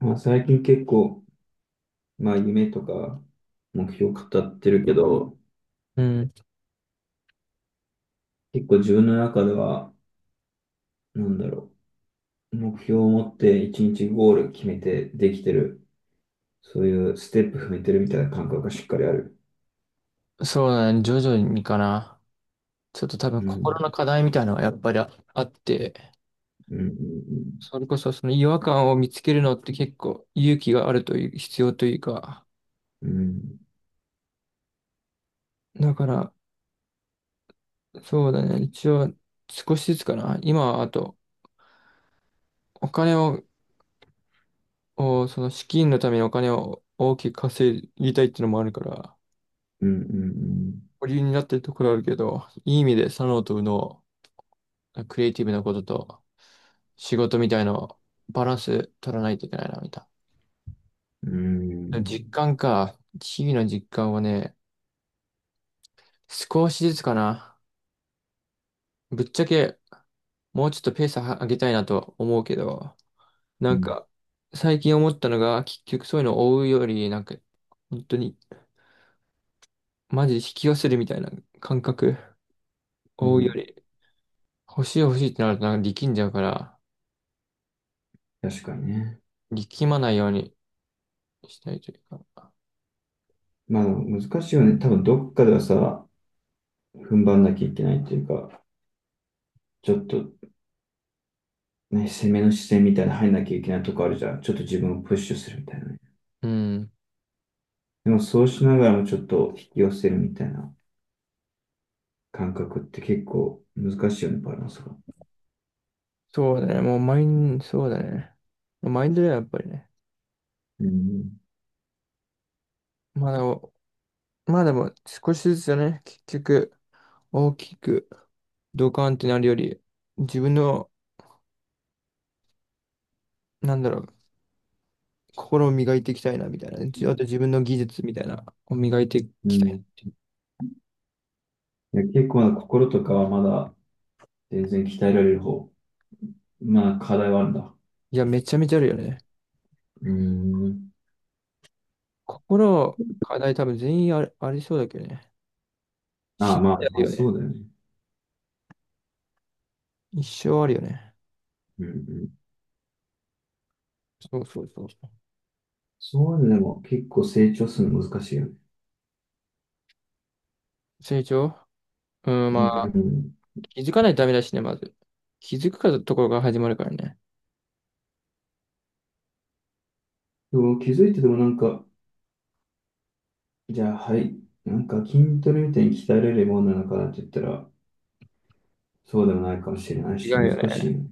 まあ、最近結構、まあ、夢とか目標語ってるけど、うん、結構自分の中では、なんだろう、目標を持って一日ゴール決めてできてる、そういうステップ踏めてるみたいな感覚がしっかりある。そうだね。徐々にかな。ちょっと多分う心ん、の課題みたいなのがやっぱりあって、うん、それこそその違和感を見つけるのって結構勇気があるという、必要というか。うん、うん、だから、そうだね。一応少しずつかな。今はあと、お金を、をその資金のためにお金を大きく稼ぎたいっていうのもあるから、うん、保留になってるところあるけど、いい意味で左脳と右脳、クリエイティブなことと仕事みたいなバランス取らないといけないな、みたいな。うん、うん、実感か。日々の実感はね、少しずつかな。ぶっちゃけ、もうちょっとペースは上げたいなと思うけど、なうんん、か、最近思ったのが、結局そういうのを追うより、なんか、本当に、マジで引き寄せるみたいな感覚、う追うよん、り、欲しい欲しいってなるとなんか力んじゃうから、確かにね。力まないようにしたいというか。まあ、難しいよね。多分どっかではさ、踏ん張んなきゃいけないっていうか、ちょっとね、攻めの視線みたいな入んなきゃいけないとこあるじゃん。ちょっと自分をプッシュするみたいなね。うん。でもそうしながらもちょっと引き寄せるみたいな感覚って結構難しいよね、バランスが。そうだね。もうマイン、そうだね。マインドはやっぱりね。うん。まだ、まあでも少しずつだね。結局、大きくドカンってなるより、自分の、なんだろう、心を磨いていきたいな、みたいな。あと自分の技術みたいな、を磨いていうきたん。いなっいていう。や、結構な心とかはまだ全然鍛えられる方。まあ課題はあるんだ。いや、めちゃめちゃあるよね。うん。心、課題多分全員ありそうだけどね。あ死あ、んまであ、あまるあよね。そうだよね。一生あるよね。うんうん。そうそうそうそそういうのでも結構成長するの難しいよね。う。うん、うまあ、ん。気づかないとダメだしね、まず。気づくかところが始まるからね。でも気づいてでもなんか、じゃあはい、なんか筋トレみたいに鍛えられるものなのかなって言ったら、そうでもないかもしれない違し、うよ難ね。しいよね。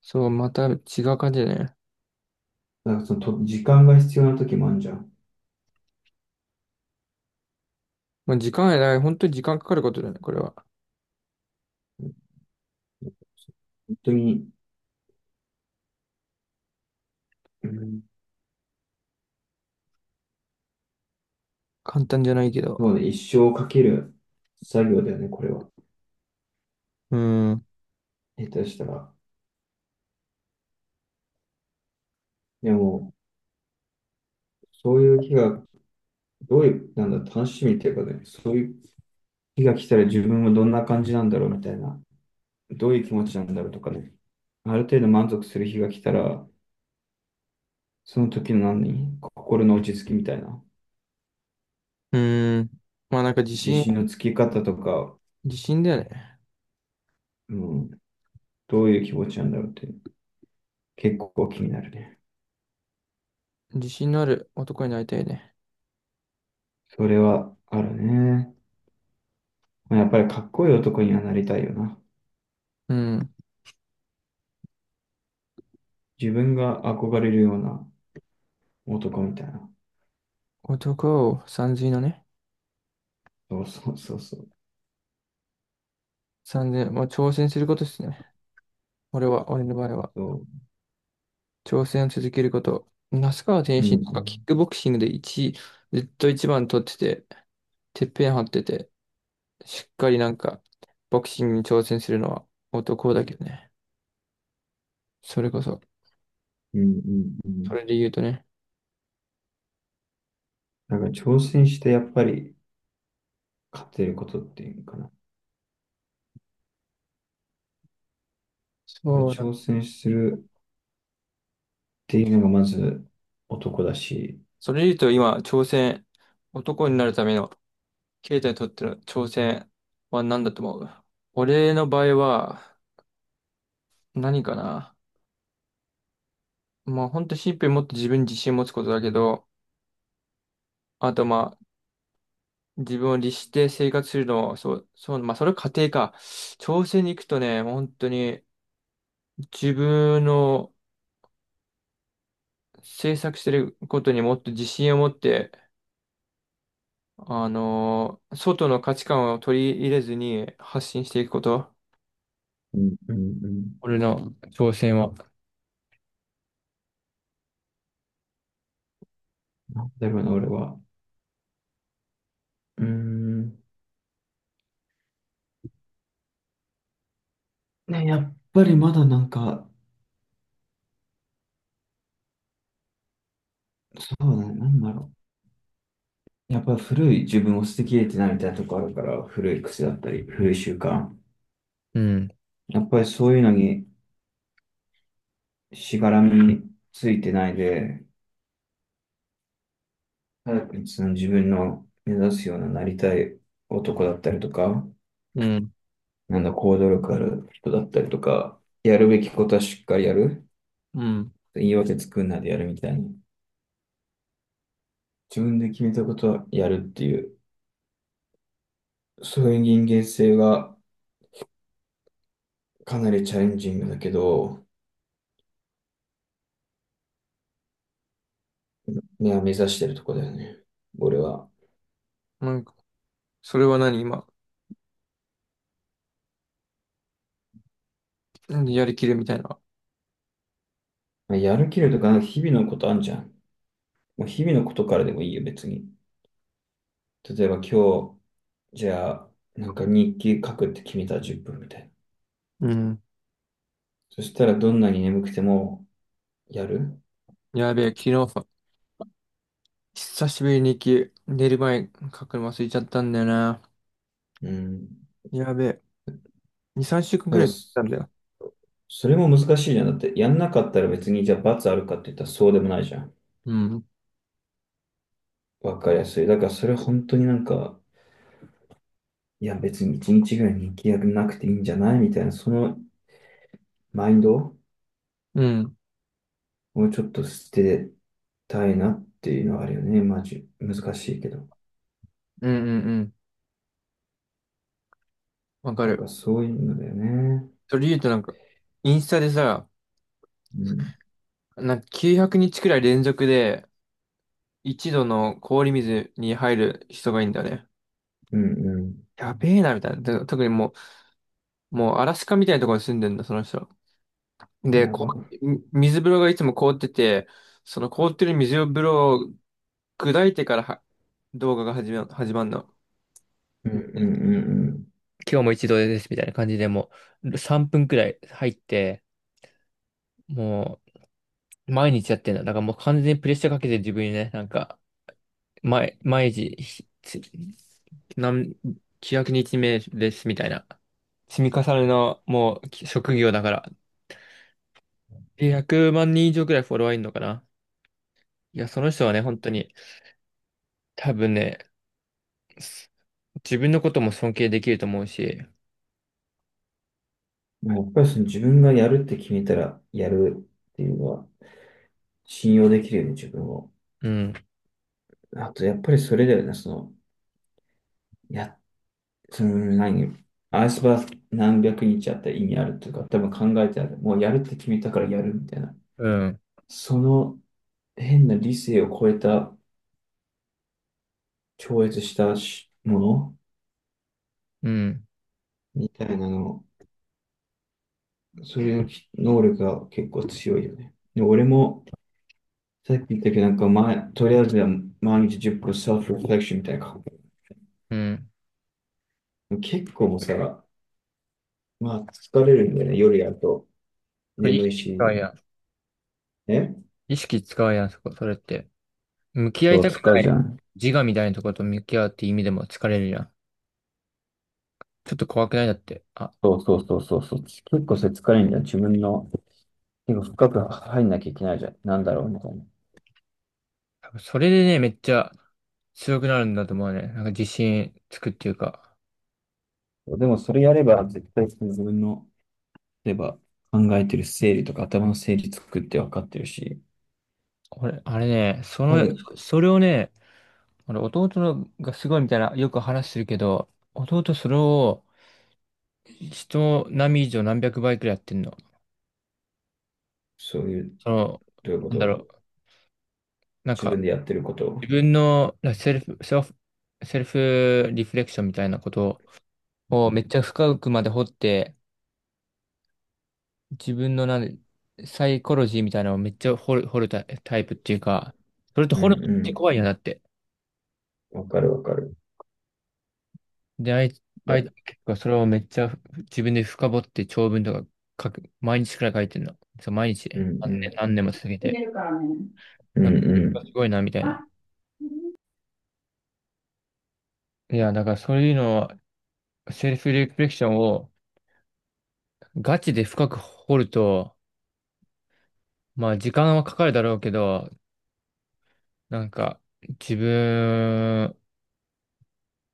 そう、また違う感じだね。だからそのと、時間が必要な時もあるじゃん。まあ、時間がない。本当に時間かかることだね、これは。本当に、うん、簡単じゃないけど。そうね、一生をかける作業だよね、これは。うん。下手したら。でも、そういう日が、どういう、なんだ、楽しみっていうかね、そういう日が来たら自分はどんな感じなんだろうみたいな、どういう気持ちなんだろうとかね、ある程度満足する日が来たら、その時の何、心の落ち着きみたいな、うーん。まあなんか自信のつき方とか、自信だよね。うん、どういう気持ちなんだろうって、結構気になるね。自信のある男になりたいね。それはあるね。まあ、やっぱりかっこいい男にはなりたいよな。うん。自分が憧れるような男みたいな。男をさんずいのね。そうそうそうそう。さんずまあ挑戦することですね。俺は、俺の場合は。そ挑戦を続けること。那須川天う。うん心とうかキッん。クボクシングで一位、ずっと一番取ってて、てっぺん張ってて、しっかりなんか、ボクシングに挑戦するのは男だけどね。それこそ、うんうんうそん。れで言うとね。だから挑戦してやっぱり勝てることっていうのかな。だからそうだ。挑戦するっていうのがまず男だし。それで言うと今、挑戦、男になるためのケイタにとっての挑戦は何だと思う？俺の場合は何かな。まあ本当シンプルにもっと自分に自信を持つことだけど、あとまあ自分を律して生活するのを、そう、そう、まあそれは家庭か。挑戦に行くとね、もう本当に自分の制作してることにもっと自信を持って、外の価値観を取り入れずに発信していくこと。うんうんうん。俺の挑戦は。なんだろうな、俺は。うーん。ね、やっぱりまだなんか、そうだね、なんだろう。やっぱり古い自分を捨てきれてないみたいなとこあるから、古い癖だったり、古い習慣。うん。やっぱりそういうのにしがらみについてないで、早くその自分の目指すようななりたい男だったりとか、うん。なんだ、行動力ある人だったりとか、やるべきことはしっかりやる。うん。言い訳作んないでやるみたいに。自分で決めたことはやるっていう、そういう人間性がかなりチャレンジングだけど、ね目指してるとこだよね。俺は。なんか、それは何今うんやりきるみたいな。やる気力とか、日々のことあんじゃん。もう日々のことからでもいいよ、別に。例えば今日、じゃあ、なんか日記書くって決めたら10分みたいな。うん。そしたらどんなに眠くてもやる。やべえ、昨日さ、久しぶりに雪、寝る前に書くの忘れちゃったんだよな。うん。やべえ、2、3週間だくかららい経っそ、たんだよ。それも難しいじゃん。だって、やんなかったら別にじゃあ罰あるかって言ったらそうでもないじゃん。うん。わかりやすい。だからそれ本当になんか、いや別に1日ぐらい日記やんなくていいんじゃないみたいな、そのマインドうん。をちょっと捨てたいなっていうのはあるよね。マジ、難しいけど。うんうんうん。わかなんかる。そういうのだよね。それ言うとなんか、インスタでさ、うん。なんか900日くにちくらい連続で、一度の氷水に入る人がいいんだよね。うんうやべえな、みたいな。で特にもうアラスカみたいなところに住んでんだ、その人。ん。で、やこう、ば。水風呂がいつも凍ってて、その凍ってる水風呂砕いてからは動画が始まんの。うんうんうんうん。今日も一度ですみたいな感じでもう3分くらい入って、もう毎日やってんだ。だからもう完全にプレッシャーかけて自分にね、なんか、毎日、何、900日目ですみたいな。積み重ねのもうき職業だから。で100万人以上くらいフォロワーいるのかな。いや、その人はね、本当に多分ね、す自分のことも尊敬できると思うし、まあやっぱりその自分がやるって決めたらやるっていうのは信用できるよね、自分を。うん、あとやっぱりそれだよね、や、その何、アイスバー何百日あったら意味あるとか、多分考えてある。もうやるって決めたからやるみたいな。うん、その変な理性を超えた、超越したしものうん、みたいなの、それの能力が結構強いよね。で俺も、さっき言ったけど、なんか前、とりあえずは毎日10分セルフレフレクションみたいな。うん。結構もさ、まあ疲れるんだよね。夜やるとこれ意眠い識使うし、やん。ね。意識使うやん、そこ、それって。向き合いそう、たく使なうじゃいん。自我みたいなとこと向き合うって意味でも疲れるやん。ちょっと怖くないだって。あ、そうそうそうそうそう。結構それ疲れるんだよ。自分の、結構深く入んなきゃいけないじゃん。なんだろうみたいな。多分それでね、めっちゃ強くなるんだと思うね。なんか自信つくっていうか。でもそれやれば、絶対その自分の、例えば考えてる整理とか頭の整理作って分かってるし、俺、あれね、そ多の、分、それをね、俺弟のがすごいみたいな、よく話してるけど、弟それを人並み以上何百倍くらいやってんの。そういう、その、どういうこなんだろと、う。なん自か分でやってることを。自分のらセルフリフレクションみたいなことをめっちゃ深くまで掘って、自分のなんサイコロジーみたいなのをめっちゃ掘るタイタイプっていうか、それとう掘るのってん怖いよなって。うん。わかるわかる。で、あいあいだ結構それをめっちゃ自分で深掘って長文とか書く、毎日くらい書いてるの。そう、毎日うね。ん何年うん。何年も続け入て。れるからね。うんうなんかん。すごいな、みたいあ、な。いや、だからそういうのは、セルフリフレクションをガチで深く掘ると、まあ時間はかかるだろうけど、なんか自分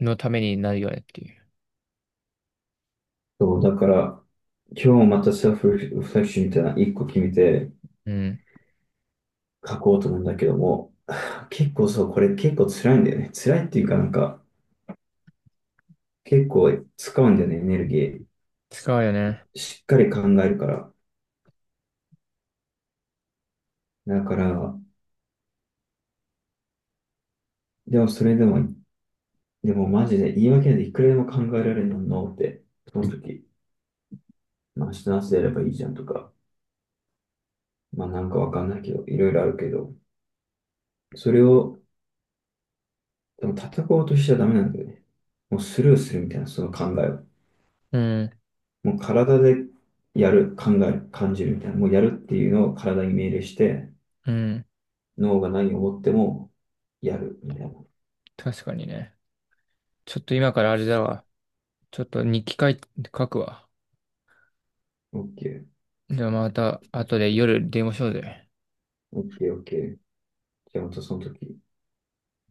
のためになるよねっていう。そう、だから、今日またセルフリフレクションみたいな一個決めてうん。書こうと思うんだけども、結構そう、これ結構辛いんだよね。辛いっていうかなんか、結構使うんだよね、エネルギー。使うよね。しっかり考えるから。だから、でもそれでも、でもマジで言い訳でいくらでも考えられるのって、その時、まあ明日の朝やればいいじゃんとか、まあなんかわかんないけど、いろいろあるけど、それをでも叩こうとしちゃダメなんだよね。もうスルーするみたいな、その考えを。うん。もう体でやる、考える、感じるみたいな。もうやるっていうのを体に命令して、うん。脳が何を思ってもやるみたいな。確かにね。ちょっと今からあれだわ。ちょっと日記書い書くわ。OK。じゃあまた後で夜電話しようぜ。OK、OK。じゃあまたその時。